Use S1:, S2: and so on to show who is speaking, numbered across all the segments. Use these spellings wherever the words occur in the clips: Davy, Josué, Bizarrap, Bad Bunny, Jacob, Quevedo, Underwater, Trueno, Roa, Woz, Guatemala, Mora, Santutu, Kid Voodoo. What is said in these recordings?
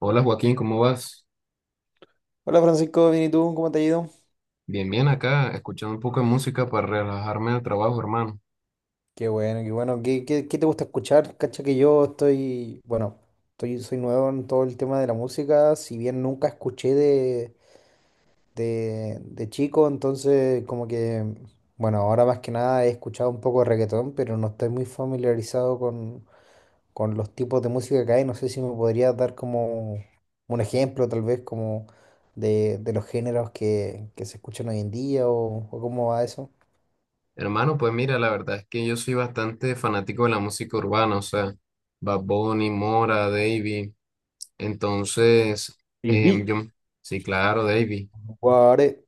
S1: Hola Joaquín, ¿cómo vas?
S2: Hola Francisco, bien y tú, ¿cómo te ha ido?
S1: Bien, bien acá, escuchando un poco de música para relajarme del trabajo, hermano.
S2: Qué bueno, qué bueno. ¿Qué, qué te gusta escuchar? Cacha que yo estoy, bueno, estoy, soy nuevo en todo el tema de la música, si bien nunca escuché de chico, entonces como que, bueno, ahora más que nada he escuchado un poco de reggaetón, pero no estoy muy familiarizado con los tipos de música que hay. No sé si me podrías dar como un ejemplo, tal vez, como de los géneros que se escuchan hoy en día o cómo va eso.
S1: Hermano, pues mira, la verdad es que yo soy bastante fanático de la música urbana, o sea, Bad Bunny, Mora, Davy. Entonces,
S2: Y
S1: em,
S2: vi.
S1: yo, sí, claro, Davy,
S2: Guare.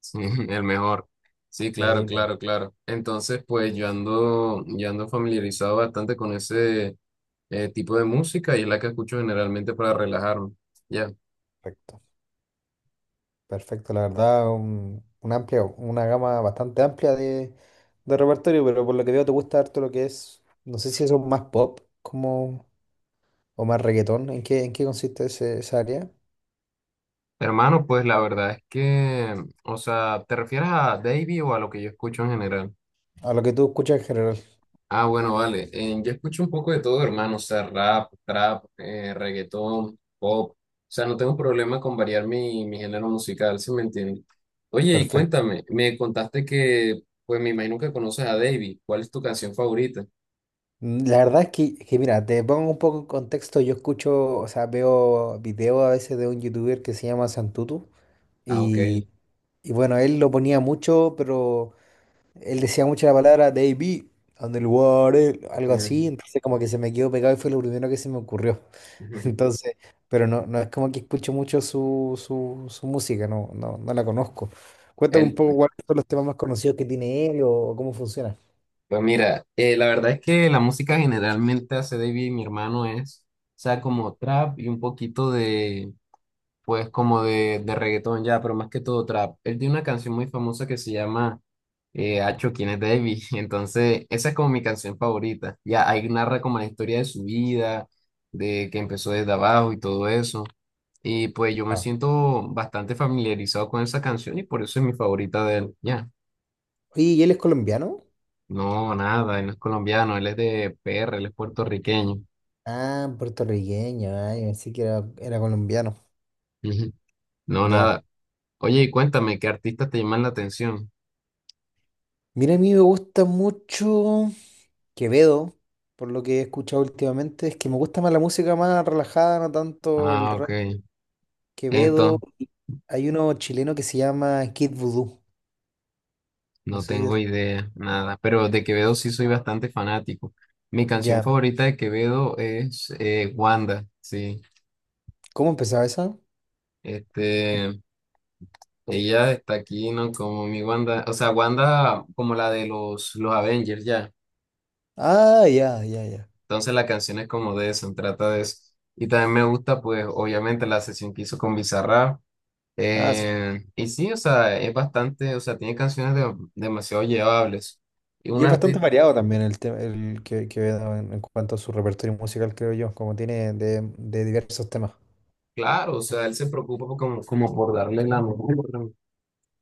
S1: sí, el mejor. Sí, claro,
S2: Sí, la
S1: claro, claro. Entonces, pues yo ando familiarizado bastante con ese tipo de música y es la que escucho generalmente para relajarme. Ya.
S2: perfecto. Perfecto, la verdad, un amplia, una gama bastante amplia de repertorio, pero por lo que veo te gusta harto lo que es, no sé si eso es más pop como, o más reggaetón, en qué consiste esa área?
S1: Hermano, pues la verdad es que, o sea, ¿te refieres a Davey o a lo que yo escucho en general?
S2: A lo que tú escuchas en general.
S1: Ah, bueno, vale. Yo escucho un poco de todo, hermano. O sea, rap, trap, reggaetón, pop. O sea, no tengo problema con variar mi género musical, ¿si me entiendes? Oye, y
S2: Perfecto.
S1: cuéntame, me contaste que, pues me imagino que conoces a Davey. ¿Cuál es tu canción favorita?
S2: La verdad es que mira, te pongo un poco en contexto, yo escucho, o sea, veo videos a veces de un youtuber que se llama Santutu
S1: Ah, ok.
S2: y... Y bueno, él lo ponía mucho, pero él decía mucho la palabra Davey, Underwater, algo así, entonces como que se me quedó pegado y fue lo primero que se me ocurrió.
S1: Ujú.
S2: Entonces, pero no, no es como que escucho mucho su música, no, no, no la conozco. Cuéntame un
S1: El
S2: poco cuáles son los temas más conocidos que tiene él o cómo funciona.
S1: Pues mira, la verdad es que la música generalmente hace David y mi hermano es, o sea, como trap y un poquito de, pues como de reggaetón ya, pero más que todo trap. Él tiene una canción muy famosa que se llama Acho, ¿quién es David? Entonces, esa es como mi canción favorita. Ya ahí narra como la historia de su vida, de que empezó desde abajo y todo eso. Y pues yo me
S2: No.
S1: siento bastante familiarizado con esa canción y por eso es mi favorita de él, ya.
S2: Oye, ¿y él es colombiano?
S1: No, nada, él no es colombiano, él es de PR, él es puertorriqueño.
S2: Ah, puertorriqueño, ay, pensé que era, era colombiano.
S1: Ujú. No,
S2: Ya.
S1: nada. Oye, y cuéntame, ¿qué artistas te llaman la atención?
S2: Mira, a mí me gusta mucho. Quevedo, por lo que he escuchado últimamente, es que me gusta más la música más relajada, no tanto el
S1: Ah, ok.
S2: rap. Quevedo,
S1: Entonces,
S2: hay uno chileno que se llama Kid Voodoo. No
S1: no
S2: sé si te
S1: tengo
S2: suena.
S1: idea, nada. Pero de Quevedo sí soy bastante fanático. Mi canción
S2: Ya.
S1: favorita de Quevedo es Wanda, sí.
S2: ¿Cómo empezaba esa?
S1: Este, ella está aquí, ¿no? Como mi Wanda, o sea, Wanda como la de los Avengers, ya.
S2: Ah, ya, ya, ya.
S1: Entonces la canción es como de eso, trata de eso. Y también me gusta, pues, obviamente la sesión que hizo con Bizarrap.
S2: Ah, sí.
S1: Y sí, o sea, es bastante, o sea, tiene canciones de- demasiado llevables. Y
S2: Y
S1: un
S2: es bastante
S1: artista,
S2: variado también el tema, el que, Quevedo en cuanto a su repertorio musical, creo yo, como tiene de diversos temas.
S1: claro, o sea, él se preocupa por como, como por darle la mejor,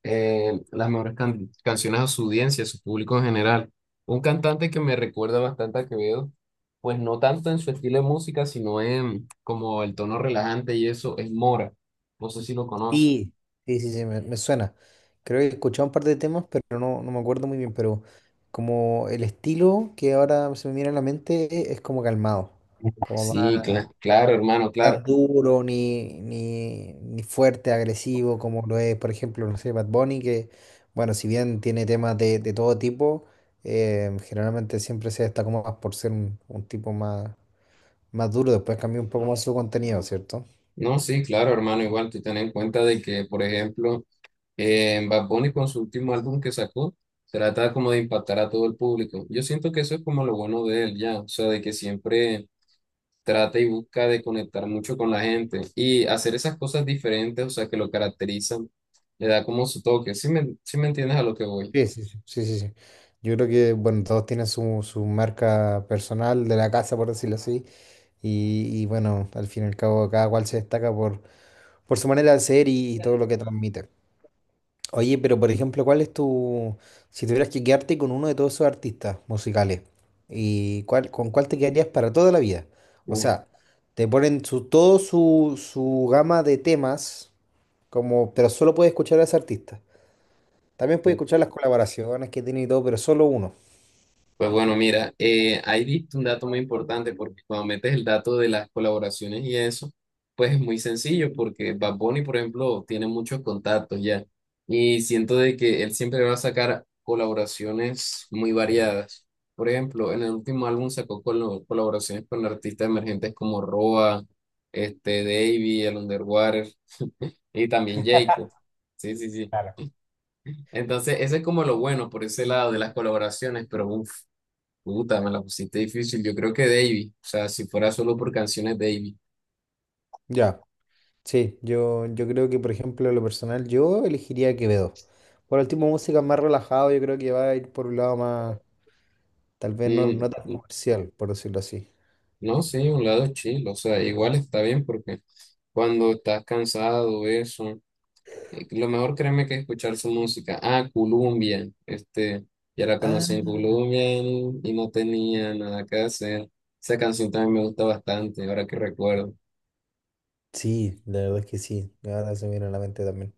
S1: las mejores can- canciones a su audiencia, a su público en general. Un cantante que me recuerda bastante a Quevedo, pues no tanto en su estilo de música, sino en como el tono relajante y eso, es Mora. No sé si lo conoces.
S2: Sí, sí, sí, sí, me suena. Creo que he escuchado un par de temas, pero no, no me acuerdo muy bien, pero como el estilo que ahora se me viene a la mente es como calmado, como más
S1: Sí, cla- claro, hermano, claro.
S2: tan duro, ni fuerte, agresivo, como lo es, por ejemplo, no sé, Bad Bunny, que, bueno, si bien tiene temas de todo tipo, generalmente siempre se destaca más por ser un tipo más, más duro, después cambió un poco más su contenido, ¿cierto?
S1: No, sí, claro, hermano, igual tú ten en cuenta de que, por ejemplo, en Bad Bunny con su último álbum que sacó, trata como de impactar a todo el público. Yo siento que eso es como lo bueno de él ya, o sea, de que siempre trata y busca de conectar mucho con la gente y hacer esas cosas diferentes, o sea, que lo caracterizan, le da como su toque. Sí me entiendes a lo que voy?
S2: Sí, sí, sí, sí, sí, sí. Yo creo que, bueno, todos tienen su marca personal de la casa, por decirlo así. Y bueno, al fin y al cabo, cada cual se destaca por su manera de ser y todo lo que transmite. Oye, pero por ejemplo, ¿cuál es tu, si tuvieras que quedarte con uno de todos esos artistas musicales, y cuál, con cuál te quedarías para toda la vida? O
S1: Uf.
S2: sea, te ponen su, todo su gama de temas, como, pero solo puedes escuchar a ese artista. También puedes escuchar las colaboraciones que tiene y todo, pero solo uno.
S1: Pues bueno, mira, ahí diste un dato muy importante porque cuando metes el dato de las colaboraciones y eso, pues es muy sencillo porque Bad Bunny, por ejemplo, tiene muchos contactos ya y siento de que él siempre va a sacar colaboraciones muy variadas. Por ejemplo, en el último álbum sacó colo- colaboraciones con artistas emergentes como Roa, este, Davey, el Underwater y también Jacob. Sí, sí, sí.
S2: Claro.
S1: Entonces, eso es como lo bueno por ese lado de las colaboraciones, pero uff. Puta, me la pusiste difícil. Yo creo que Davy. O sea, si fuera solo por canciones Davy.
S2: Ya, sí, yo creo que, por ejemplo, en lo personal, yo elegiría Quevedo. Por el tipo de música más relajado, yo creo que va a ir por un lado más, tal vez no, no tan
S1: Mm,
S2: comercial, por decirlo así.
S1: no, sí, un lado chill. O sea, igual está bien porque cuando estás cansado, eso. Lo mejor créeme que es escuchar su música. Ah, Columbia. Este, ya la conocí en
S2: Ah,
S1: Columbia y no tenía nada que hacer. Esa canción también me gusta bastante, ahora que recuerdo.
S2: sí, la verdad es que sí, ahora se me viene a la mente también.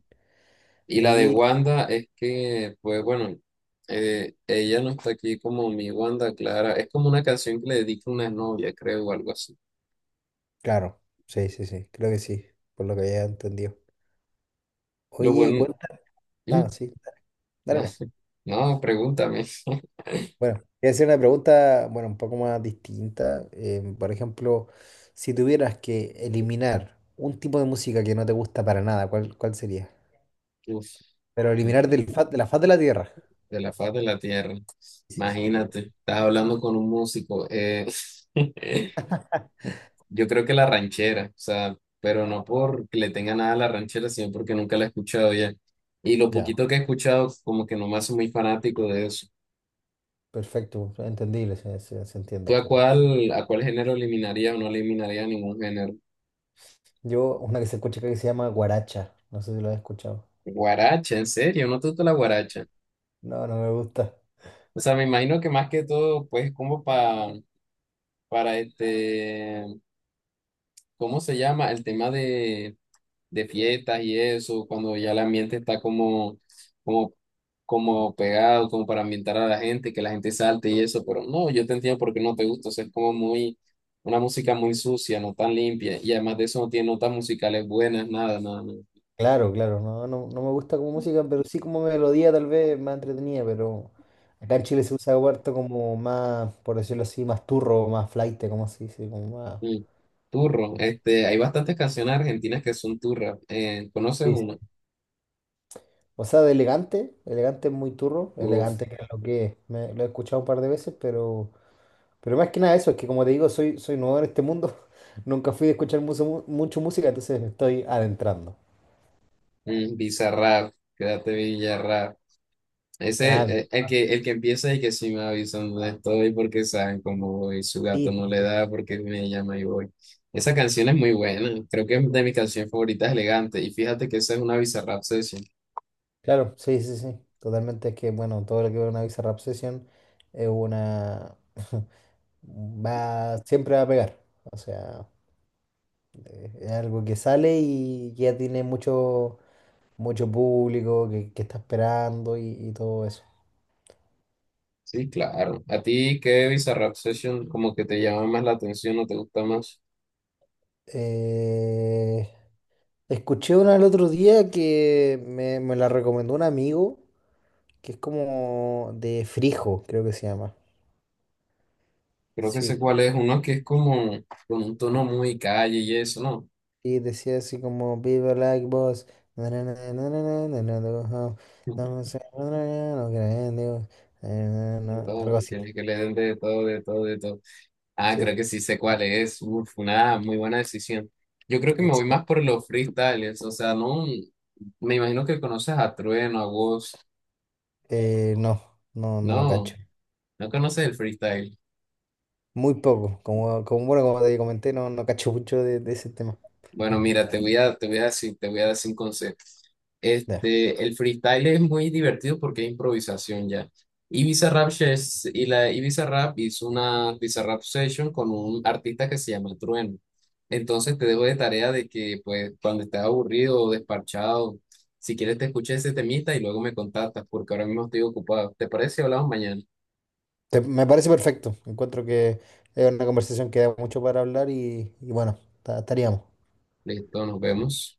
S1: Y la de
S2: Oye,
S1: Wanda es que, pues bueno, ella no está aquí como mi Wanda Clara. Es como una canción que le dedica una novia, creo, o algo así.
S2: claro, sí, sí, sí, creo que sí, por lo que había entendido.
S1: Lo
S2: Oye,
S1: bueno.
S2: cuenta,
S1: ¿Mm?
S2: ah, sí, dale nomás.
S1: No, pregúntame.
S2: Bueno, voy a hacer una pregunta, bueno, un poco más distinta. Por ejemplo, si tuvieras que eliminar un tipo de música que no te gusta para nada, ¿cuál, cuál sería?
S1: Uf,
S2: Pero
S1: de
S2: eliminar del de la faz de la tierra.
S1: la faz de la tierra.
S2: Sí, sí,
S1: Imagínate, estás hablando con un músico. Yo creo que la ranchera, o sea, pero no porque le tenga nada a la ranchera, sino porque nunca la he escuchado ya. Y lo
S2: ya,
S1: poquito que he escuchado, como que no me hace muy fanático de eso.
S2: perfecto, entendible, se, se entiende
S1: ¿Tú
S2: al final.
S1: a cuál género eliminaría o no eliminaría ningún género?
S2: Yo, una que se escucha acá que se llama guaracha, no sé si lo has escuchado.
S1: Guaracha, en serio, no te gusta la guaracha.
S2: No, no me gusta.
S1: O sea, me imagino que más que todo, pues, como para este, ¿cómo se llama? El tema de fiestas y eso, cuando ya el ambiente está como, como, como pegado, como para ambientar a la gente, que la gente salte y eso, pero no, yo te entiendo por qué no te gusta, o sea, es como muy, una música muy sucia, no tan limpia, y además de eso no tiene notas musicales buenas, nada, nada, nada.
S2: Claro, claro, no, no, no me gusta como música, pero sí como melodía tal vez más entretenida, pero acá en Chile se usa huerto como más, por decirlo así, más turro, más flaite, como se dice, como más...
S1: Mm, Turro, este, hay bastantes canciones argentinas que son turras. ¿Conoces
S2: Sí, sí.
S1: una?
S2: O sea, de elegante, elegante es muy turro,
S1: Uf,
S2: elegante que es lo que es, me- lo he escuchado un par de veces, pero más que nada eso, es que como te digo, soy, soy nuevo en este mundo, nunca fui de escuchar mucho, mucho música, entonces me estoy adentrando.
S1: Bizarrap, quédate Villarrap.
S2: Ah,
S1: Ese, el que empieza y que sí me avisan dónde estoy porque saben cómo voy, su gato
S2: sí.
S1: no
S2: Sí,
S1: le
S2: sí.
S1: da porque me llama y voy. Esa canción es muy buena, creo que es de mis canciones favoritas, elegante. Y fíjate que esa es una Bizarrap Session.
S2: Claro, sí, sí, sí, totalmente. Es que, bueno, todo lo que ve una Bizarrap Session es una... va, siempre va a pegar. O sea, es algo que sale y ya tiene mucho, mucho público que está esperando y todo eso.
S1: Sí, claro. ¿A ti qué Bizarrap Session como que te llama más la atención o te gusta más?
S2: Eh, Escuché una el otro día que me la recomendó un amigo, que es como de Frijo, creo que se llama.
S1: Creo que sé
S2: Sí.
S1: cuál es. Uno que es como con un tono muy calle y eso, ¿no?
S2: Y decía así como, Viva like boss. Na, na, na, na, na, na, na, na, na, no sé, na, na, na, no creen, digo, na,
S1: De
S2: na,
S1: todo,
S2: algo así.
S1: tienes que le den de todo, de todo, de todo. Ah, creo
S2: Sí.
S1: que sí sé cuál es. Uf, una muy buena decisión. Yo creo que me voy
S2: Sí.
S1: más por los freestyles. O sea, no. Me imagino que conoces a Trueno, a Woz.
S2: No, no, no lo
S1: No,
S2: cacho.
S1: no conoces el freestyle.
S2: Muy poco. Como, como, bueno, como te comenté, no, no cacho mucho de ese tema.
S1: Bueno, mira, te voy a decir, te voy a decir un consejo.
S2: Ya.
S1: Este, el freestyle es muy divertido porque es improvisación ya. Y Bizarrap, Shes- y la, y Bizarrap hizo una Bizarrap Session con un artista que se llama Trueno. Entonces te dejo de tarea de que pues cuando estés aburrido o desparchado, si quieres te escuches ese temita y luego me contactas porque ahora mismo estoy ocupado. ¿Te parece? Si hablamos mañana.
S2: Me parece perfecto. Encuentro que es una conversación que da mucho para hablar y bueno, estaríamos.
S1: Listo, nos vemos.